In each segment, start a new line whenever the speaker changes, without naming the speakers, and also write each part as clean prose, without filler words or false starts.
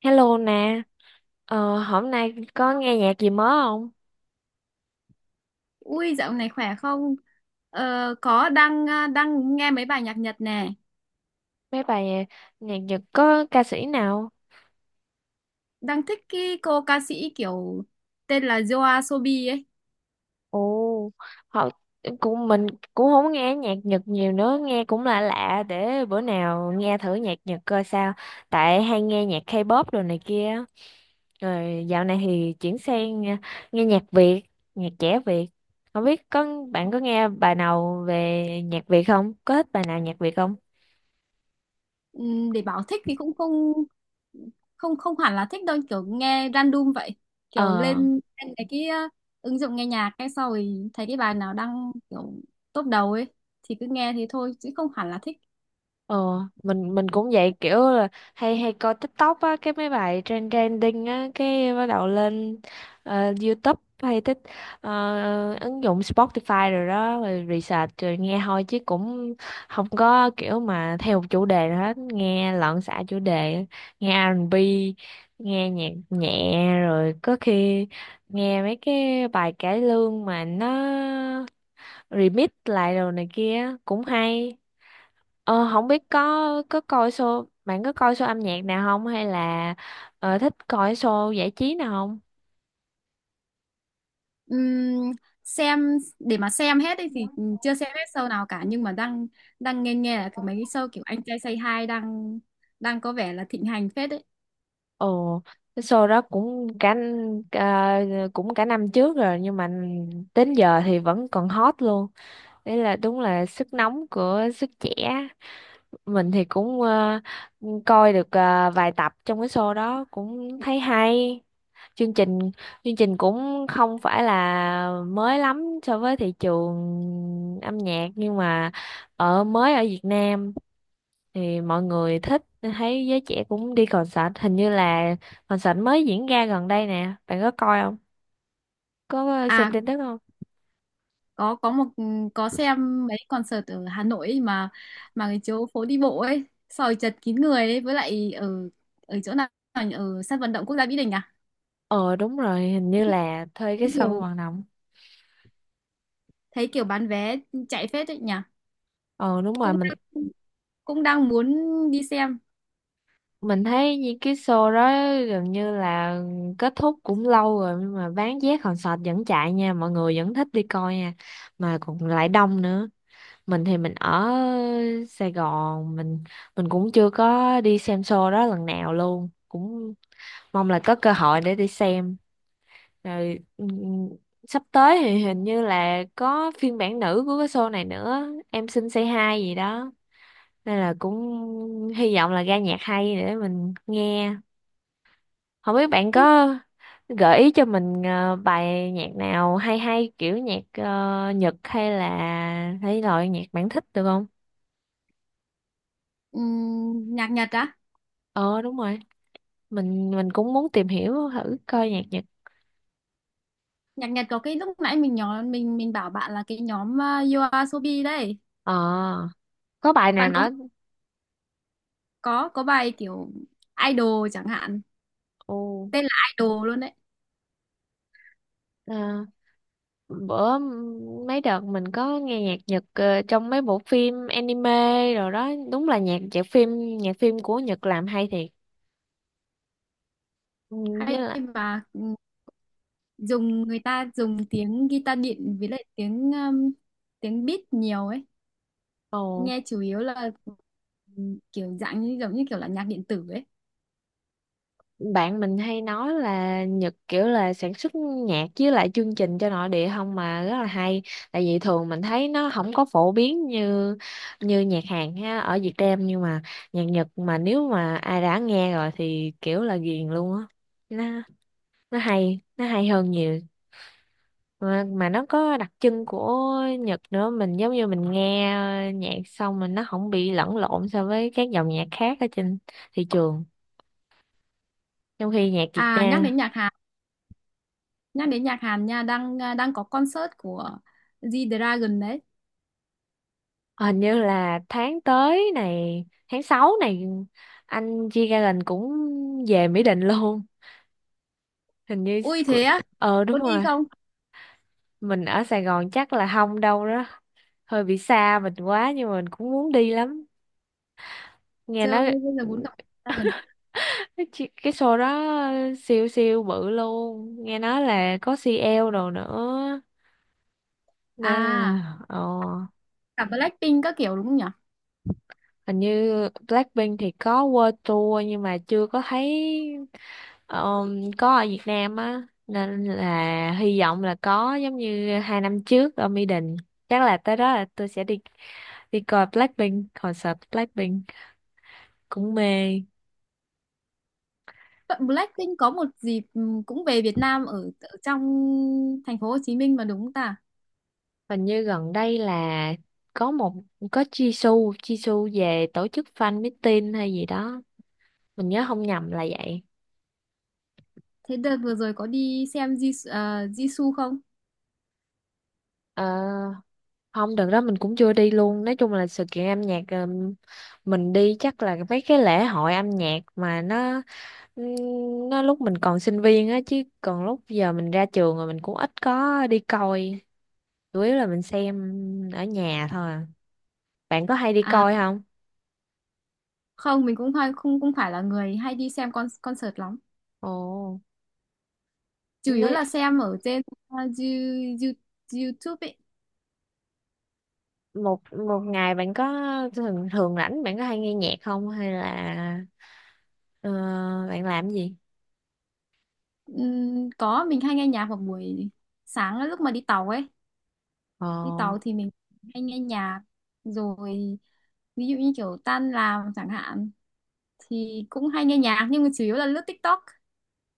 Hello nè, hôm nay có nghe nhạc gì mới không?
Ui, dạo này khỏe không? Ờ, có đang nghe mấy bài nhạc Nhật nè,
Mấy bài nhạc, nhạc Nhật có ca sĩ nào?
đang thích cái cô ca sĩ kiểu tên là Yoasobi Sobi ấy.
Ồ, họ cũng mình cũng không nghe nhạc Nhật nhiều nữa, nghe cũng lạ lạ để bữa nào nghe thử nhạc Nhật coi sao. Tại hay nghe nhạc K-pop đồ này kia. Rồi dạo này thì chuyển sang nghe nhạc Việt, nhạc trẻ Việt. Không biết bạn có nghe bài nào về nhạc Việt không? Có thích bài nào nhạc Việt không?
Để bảo thích thì cũng không không không hẳn là thích đâu, kiểu nghe random vậy. Kiểu
Ờ.
lên lên ứng dụng nghe nhạc cái sau rồi thấy cái bài nào đang kiểu top đầu ấy thì cứ nghe thế thôi chứ không hẳn là thích.
Ờ, mình cũng vậy, kiểu là hay hay coi TikTok á, cái mấy bài trending á cái bắt đầu lên, YouTube hay thích ứng dụng Spotify rồi đó, rồi research rồi nghe thôi chứ cũng không có kiểu mà theo một chủ đề nào hết, nghe loạn xạ chủ đề, nghe R&B, nghe nhạc nhẹ, rồi có khi nghe mấy cái bài cải lương mà nó remix lại rồi này kia cũng hay. Ờ, không biết có coi show, bạn có coi show âm nhạc nào không hay là thích coi show giải trí nào không?
Ừm, xem để mà xem hết ấy thì chưa xem hết show nào cả, nhưng mà đang đang nghe nghe là mấy cái show kiểu Anh Trai Say Hi đang đang có vẻ là thịnh hành phết đấy.
Ồ, cái show đó cũng cả n- cũng cả năm trước rồi nhưng mà đến giờ thì vẫn còn hot luôn. Đấy là đúng là sức nóng của sức trẻ. Mình thì cũng coi được vài tập trong cái show đó cũng thấy hay. chương trình Chương trình cũng không phải là mới lắm so với thị trường âm nhạc, nhưng mà mới ở Việt Nam thì mọi người thích, thấy giới trẻ cũng đi concert, hình như là concert mới diễn ra gần đây nè, bạn có coi không, có xem
À,
tin tức không?
có có một có xem mấy concert ở Hà Nội ấy, mà cái chỗ phố đi bộ ấy, sòi chật kín người ấy, với lại ở ở chỗ nào nhỉ? Ở sân vận động quốc gia Mỹ Đình à?
Ờ đúng rồi, hình như
Thấy
là thuê cái sân
kiểu
vận động.
Thấy kiểu bán vé chạy phết đấy nhỉ.
Ờ đúng rồi,
Cũng đang, Cũng đang muốn đi xem.
mình thấy như cái show đó gần như là kết thúc cũng lâu rồi, nhưng mà bán vé concert vẫn chạy nha, mọi người vẫn thích đi coi nha, mà còn lại đông nữa. Mình ở Sài Gòn, mình cũng chưa có đi xem show đó lần nào luôn, cũng mong là có cơ hội để đi xem. Rồi sắp tới thì hình như là có phiên bản nữ của cái show này nữa, em xin say hi gì đó, nên là cũng hy vọng là ra nhạc hay để mình nghe. Không biết bạn
Cái
có gợi ý cho mình bài nhạc nào hay hay kiểu nhạc Nhật hay là hay loại nhạc bạn thích được không?
nhạc Nhật á?
Ờ đúng rồi. Mình cũng muốn tìm hiểu thử coi nhạc Nhật.
Nhạc Nhật có cái lúc nãy mình nhỏ mình bảo bạn là cái nhóm You Are Sobi đấy.
Ờ, có bài nào
Bạn có
nói.
bài kiểu idol chẳng hạn,
Ồ,
tên là idol luôn đấy.
ờ, bữa mấy đợt mình có nghe nhạc Nhật trong mấy bộ phim anime rồi đó, đúng là nhạc nhạc phim của Nhật làm hay thiệt. Ừ, với
Hay
lại.
và người ta dùng tiếng guitar điện, với lại tiếng tiếng beat nhiều ấy.
Ồ,
Nghe chủ yếu là ừ, kiểu dạng như giống như kiểu là nhạc điện tử ấy.
bạn mình hay nói là Nhật kiểu là sản xuất nhạc với lại chương trình cho nội địa không mà rất là hay, tại vì thường mình thấy nó không có phổ biến như như nhạc Hàn ha ở Việt Nam, nhưng mà nhạc Nhật mà nếu mà ai đã nghe rồi thì kiểu là ghiền luôn á. nó nó hay, hơn nhiều mà nó có đặc trưng của Nhật nữa. Mình giống như mình nghe nhạc xong, mình nó không bị lẫn lộn so với các dòng nhạc khác ở trên thị trường, trong khi nhạc Việt
À, nhắc
Nam.
đến nhạc Hàn, nhắc đến nhạc Hàn nha, đang có concert của G-Dragon đấy.
Hình như là tháng tới này tháng 6 này, anh G-Dragon cũng về Mỹ Đình luôn, hình như
Ui
của-
thế á,
ờ đúng
có đi
rồi,
không?
mình ở Sài Gòn chắc là không đâu đó, hơi bị xa mình quá nhưng mà mình cũng muốn đi lắm, nghe
Chơi
nói
bây giờ muốn gặp dragon
cái show đó siêu siêu bự luôn, nghe nói là có CL đồ nữa nên
à,
là ờ.
cả Blackpink các kiểu đúng không nhỉ?
Hình như Blackpink thì có World Tour nhưng mà chưa có thấy. Ờ, có ở Việt Nam á nên là hy vọng là có giống như hai năm trước ở Mỹ Đình, chắc là tới đó là tôi sẽ đi, đi coi Blackpink. Concert Blackpink cũng mê.
Vậy Blackpink có một dịp cũng về Việt Nam, ở trong thành phố Hồ Chí Minh mà đúng không ta?
Hình như gần đây là có một có Jisoo Jisoo về tổ chức fan meeting hay gì đó, mình nhớ không nhầm là vậy.
Thế đợt vừa rồi có đi xem Jisoo không?
Ờ, không đợt đó mình cũng chưa đi luôn. Nói chung là sự kiện âm nhạc mình đi chắc là mấy cái lễ hội âm nhạc mà nó, nó lúc mình còn sinh viên á, chứ còn lúc giờ mình ra trường rồi mình cũng ít có đi coi, chủ yếu là mình xem ở nhà thôi à. Bạn có hay đi
À
coi không?
không, mình cũng hay không cũng phải là người hay đi xem con concert lắm,
Ồ,
chủ yếu
nói.
là xem ở trên ờ, You- You- YouTube ấy.
Một một ngày bạn có thường thường rảnh, bạn có hay nghe nhạc không hay là ờ, bạn làm cái gì?
Có, mình hay nghe nhạc vào buổi sáng lúc mà đi tàu ấy,
Ồ
đi tàu thì mình hay nghe nhạc. Rồi ví dụ như kiểu tan làm chẳng hạn thì cũng hay nghe nhạc, nhưng mà chủ yếu là lướt TikTok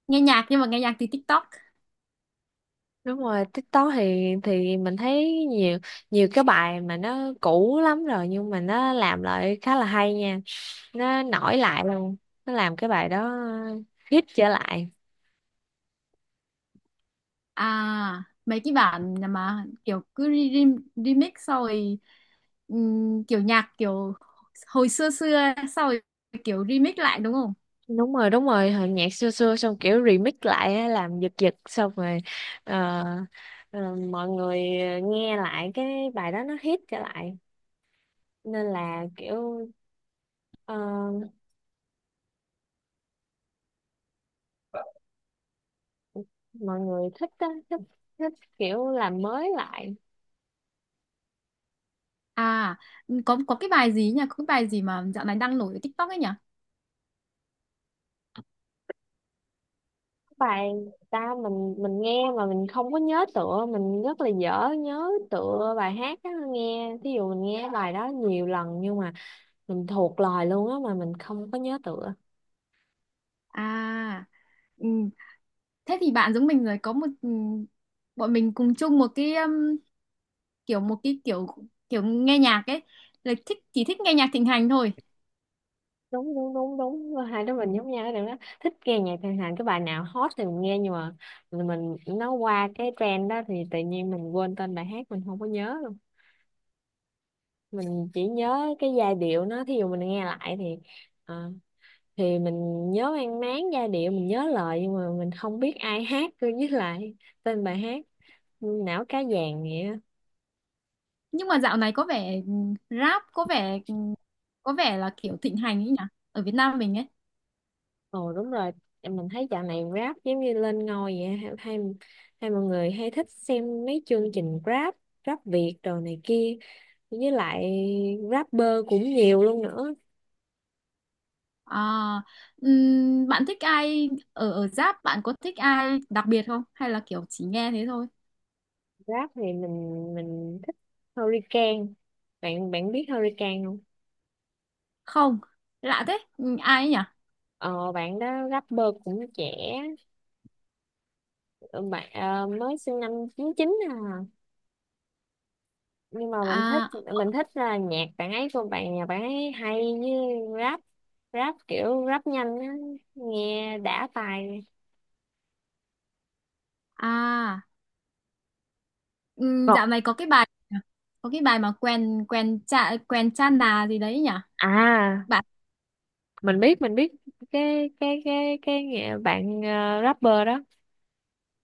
nghe nhạc, nhưng mà nghe nhạc từ TikTok.
đúng rồi, TikTok thì mình thấy nhiều nhiều cái bài mà nó cũ lắm rồi nhưng mà nó làm lại khá là hay nha, nó nổi lại luôn, nó làm cái bài đó hit trở lại.
À, mấy cái bản mà kiểu cứ remix sau rồi kiểu nhạc kiểu hồi xưa xưa sau rồi kiểu remix lại đúng không?
Đúng rồi hồi nhạc xưa xưa xong kiểu remix lại á, làm giật giật xong rồi, ờ, mọi người nghe lại cái bài đó nó hit trở lại nên là kiểu ờ, mọi người thích á, thích thích kiểu làm mới lại
À, có cái bài gì nhỉ, có cái bài gì mà dạo này đang nổi ở TikTok ấy nhỉ?
bài. Ta mình mình nghe mà mình không có nhớ tựa, mình rất là dở nhớ tựa bài hát á, nghe thí dụ mình nghe bài đó nhiều lần nhưng mà mình thuộc lời luôn á, mà mình không có nhớ tựa.
À ừm, thế thì bạn giống mình rồi, có một bọn mình cùng chung một cái kiểu, kiểu nghe nhạc ấy, là thích chỉ thích nghe nhạc thịnh hành thôi.
Đúng đúng đúng đúng hai đứa mình giống nhau cái điểm đó, thích nghe nhạc Trần Thành cái bài nào hot thì mình nghe, nhưng mà nó qua cái trend đó thì tự nhiên mình quên tên bài hát, mình không có nhớ luôn. Mình chỉ nhớ cái giai điệu nó, thí dụ mình nghe lại thì ờ, thì mình nhớ mang máng giai điệu, mình nhớ lời nhưng mà mình không biết ai hát với lại tên bài hát, não cá vàng vậy.
Nhưng mà dạo này có vẻ rap có vẻ, có vẻ là kiểu thịnh hành ấy nhỉ, ở Việt Nam mình ấy.
Ồ đúng rồi, mình thấy dạo này rap giống như lên ngôi vậy, hay mọi người hay thích xem mấy chương trình rap, rap Việt đồ này kia, với lại rapper cũng nhiều luôn nữa.
À, bạn thích ai ở ở rap, bạn có thích ai đặc biệt không hay là kiểu chỉ nghe thế thôi?
Rap thì mình thích Hurricane. Bạn bạn biết Hurricane không?
Không, lạ thế. Ai ấy nhỉ?
Ờ, bạn đó rapper cũng trẻ, bạn mới sinh năm chín chín à. Nhưng mà mình thích
À
Mình thích là nhạc bạn ấy của bạn, nhà bạn ấy hay, như rap rap kiểu rap nhanh á, nghe đã tài.
à
Còn
dạo này có cái bài mà quen quen cha nà gì đấy nhỉ?
à,
Bạn,
mình biết bạn rapper đó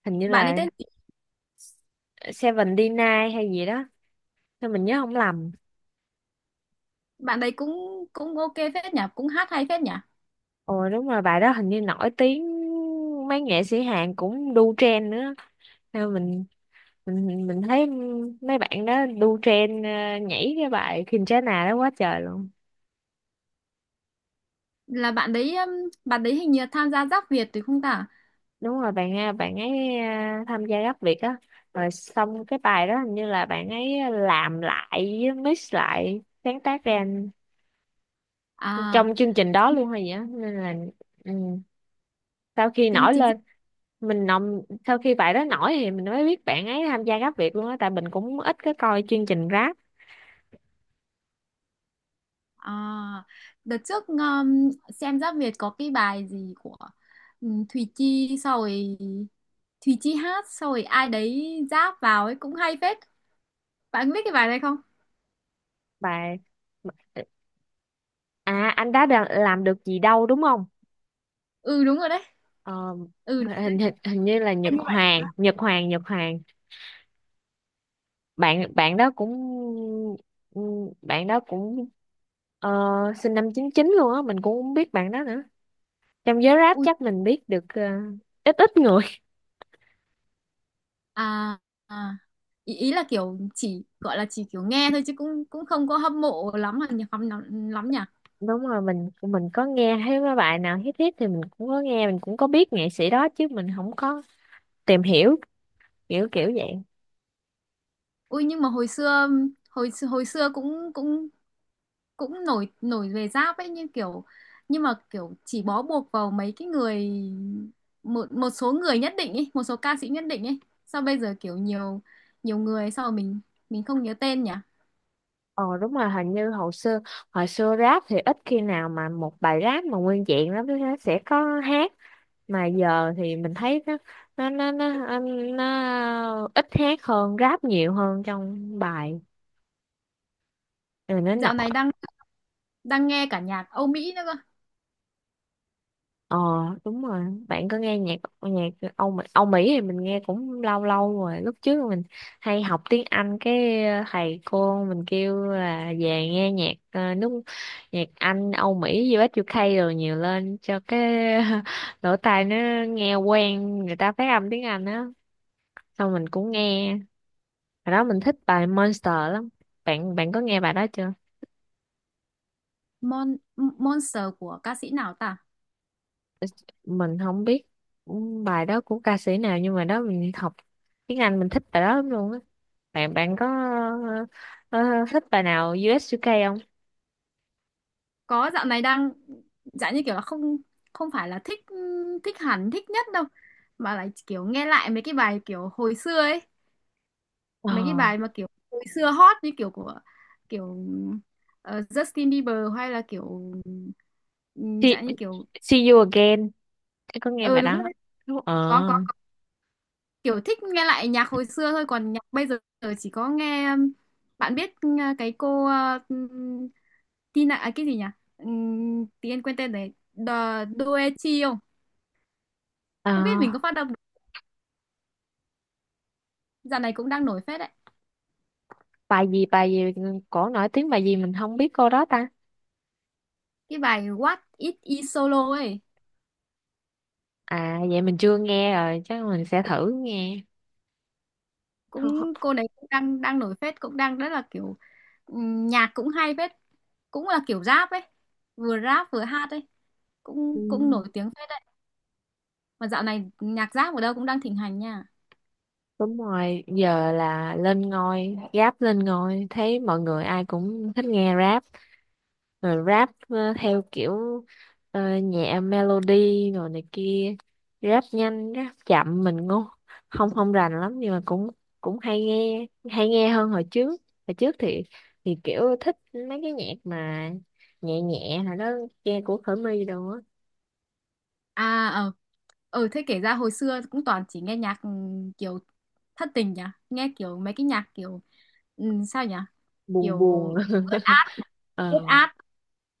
hình như
bạn ấy
là
tên gì?
Seven D9 hay gì đó, sao mình nhớ không lầm.
Bạn đấy cũng cũng ok phết nhỉ, cũng hát hay phết nhỉ.
Ồ đúng rồi, bài đó hình như nổi tiếng, mấy nghệ sĩ Hàn cũng đu trend nữa. Nên mình thấy mấy bạn đó đu trend nhảy cái bài Kinshasa đó quá trời luôn.
Là bạn đấy hình như tham gia Giáp Việt thì không ta?
Đúng rồi, bạn ấy tham gia Gắp Việt á, rồi xong cái bài đó hình như là bạn ấy làm lại với mix lại, sáng tác ra
À,
trong chương trình đó luôn hay gì á, nên là ừ, sau khi
chính
nổi
chính
lên, mình nồng sau khi bài đó nổi thì mình mới biết bạn ấy tham gia Gắp Việt luôn á, tại mình cũng ít có coi chương trình rap.
à, đợt trước xem Giáp Việt có cái bài gì của Thùy Chi sau rồi Thùy Chi hát sau rồi ai đấy ráp vào ấy cũng hay phết. Bạn biết cái bài này không?
Bài à, làm được gì đâu đúng không.
Ừ đúng rồi đấy,
Ờ,
ừ đúng
hình,
rồi.
hình hình như là
Nhưng mà
Nhật Hoàng. Bạn bạn đó cũng ừ, bạn đó cũng ờ, sinh năm chín chín luôn á, mình cũng không biết bạn đó nữa, trong giới rap
Ui,
chắc mình biết được ít ít người.
à, à, ý, ý là kiểu chỉ gọi là chỉ kiểu nghe thôi chứ cũng cũng không có hâm mộ lắm là lắm lắm lắm nhỉ.
Đúng rồi, mình có nghe thấy mấy bài nào hit hit thì mình cũng có nghe, mình cũng có biết nghệ sĩ đó chứ mình không có tìm hiểu, kiểu kiểu vậy.
Ui nhưng mà hồi xưa, hồi hồi xưa cũng cũng cũng nổi, nổi về giáp ấy, như kiểu nhưng mà kiểu chỉ bó buộc vào mấy cái người, một một số người nhất định ấy, một số ca sĩ nhất định ấy. Sao bây giờ kiểu nhiều nhiều người sao mà mình không nhớ tên nhỉ?
Ờ đúng rồi, hình như hồi xưa, rap thì ít khi nào mà một bài rap mà nguyên vẹn lắm, nó sẽ có hát, mà giờ thì mình thấy nó nó nó, nó ít hát hơn, rap nhiều hơn trong bài, rồi nó nọ.
Dạo này đang đang nghe cả nhạc Âu Mỹ nữa cơ.
Ờ đúng rồi, bạn có nghe nhạc nhạc Âu Mỹ thì mình nghe cũng lâu lâu rồi, lúc trước mình hay học tiếng Anh cái thầy cô mình kêu là về nghe nhạc nhạc Anh, Âu Mỹ, US UK rồi nhiều lên cho cái lỗ tai nó nghe quen người ta phát âm tiếng Anh á, xong mình cũng nghe. Hồi đó mình thích bài Monster lắm. Bạn bạn có nghe bài đó chưa?
Mon Monster của ca sĩ nào ta?
Mình không biết bài đó của ca sĩ nào, nhưng mà đó mình học tiếng Anh mình thích bài đó lắm luôn á. Bạn bạn có ờ, thích bài nào US UK không?
Có, dạo này đang dạng như kiểu là không, không phải là thích thích hẳn thích nhất đâu, mà lại kiểu nghe lại mấy cái bài kiểu hồi xưa ấy, mấy cái
Ờ.
bài mà kiểu hồi xưa hot, như kiểu của kiểu Justin Bieber hay là kiểu
See,
dạng như kiểu
see you again. Em có nghe
ờ
bài
đúng
đó.
rồi,
Đúng. Ờ.
có. Kiểu thích nghe lại nhạc hồi xưa thôi, còn nhạc bây giờ chỉ có nghe bạn biết cái cô Tina à, cái gì nhỉ, tí em quên tên đấy, The Doechi không,
Ờ,
không biết mình có phát âm được. Dạo này cũng đang nổi phết đấy,
bài gì cổ nổi tiếng bài gì mình không biết cô đó ta.
cái bài What It Is Solo ấy,
À vậy mình chưa nghe rồi, chắc mình sẽ thử nghe.
cũng cô đấy cũng đang đang nổi phết, cũng đang rất là kiểu nhạc cũng hay phết, cũng là kiểu rap ấy, vừa rap vừa hát ấy, cũng cũng nổi tiếng phết đấy. Mà dạo này nhạc rap ở đâu cũng đang thịnh hành nha.
Đúng rồi, giờ là lên ngôi, rap lên ngôi, thấy mọi người ai cũng thích nghe rap, rồi rap theo kiểu nhẹ melody rồi này kia, rap nhanh, rap chậm mình ngu, không không rành lắm nhưng mà cũng cũng hay nghe hơn hồi trước. Hồi trước thì kiểu thích mấy cái nhạc mà nhẹ nhẹ là đó, nghe của Khởi My đồ á,
À, ờ, ờ, thế kể ra hồi xưa cũng toàn chỉ nghe nhạc kiểu thất tình nhỉ, nghe kiểu mấy cái nhạc kiểu sao nhỉ, kiểu
buồn buồn.
ướt át, ướt
ờ
át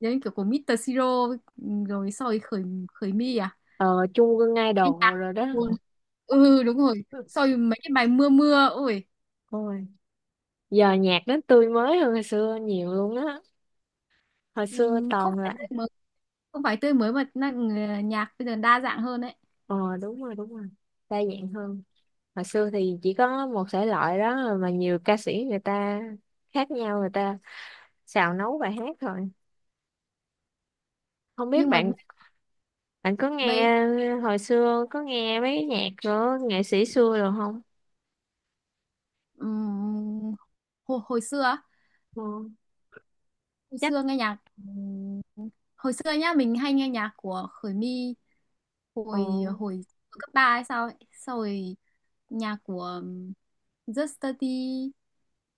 giống như kiểu của Mr. Siro, rồi soi khởi, khởi mi à.
ờ chung Quân
Cái nhạc
Idol rồi đó.
buồn. Ừ đúng rồi. Sau rồi mấy cái bài mưa mưa ôi,
Ôi. Giờ nhạc nó tươi mới hơn hồi xưa nhiều luôn á, hồi xưa
ừm, không
toàn
phải
là.
tươi mới, không phải tươi mới mà nhạc bây giờ đa dạng hơn đấy.
Đúng rồi đa dạng hơn, hồi xưa thì chỉ có một thể loại đó mà nhiều ca sĩ người ta khác nhau người ta xào nấu bài hát thôi. không biết
Nhưng mà
bạn bạn có
bây
nghe hồi xưa có nghe mấy nhạc của nghệ sĩ xưa rồi không?
ừm, hồi xưa á,
Ờ,
hồi
chắc.
xưa nghe nhạc ừm, hồi xưa nhá, mình hay nghe nhạc của Khởi My
Ờ
hồi hồi cấp 3 hay sao ấy. Sau rồi nhạc của Just Study,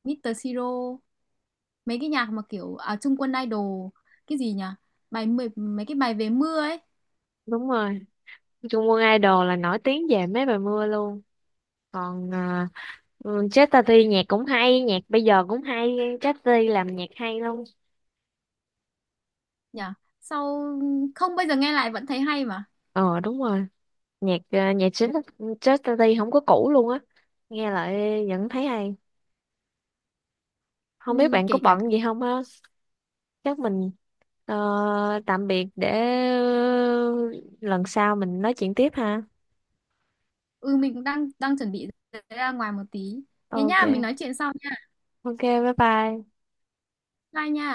Mr. Siro, mấy cái nhạc mà kiểu à, Trung Quân Idol, cái gì nhỉ, bài mười mấy cái bài về mưa ấy
đúng rồi, Trung Quân Idol là nổi tiếng về mấy bài mưa luôn. Còn à, ừ, Chester T nhạc cũng hay, nhạc bây giờ cũng hay, Chester T làm nhạc hay luôn.
nhỉ. Sau không bây giờ nghe lại vẫn thấy hay mà.
Ờ đúng rồi, nhạc à, nhạc chính Chester T không có cũ luôn á, nghe lại vẫn thấy hay. Không biết
Ừ,
bạn có
kể cả
bận gì không á, chắc mình ờ, tạm biệt để ờ, lần sau mình nói chuyện tiếp ha.
ừ, mình cũng đang đang chuẩn bị ra ngoài một tí, thế nha, mình
Ok
nói chuyện sau nha,
Ok bye bye.
bye nha.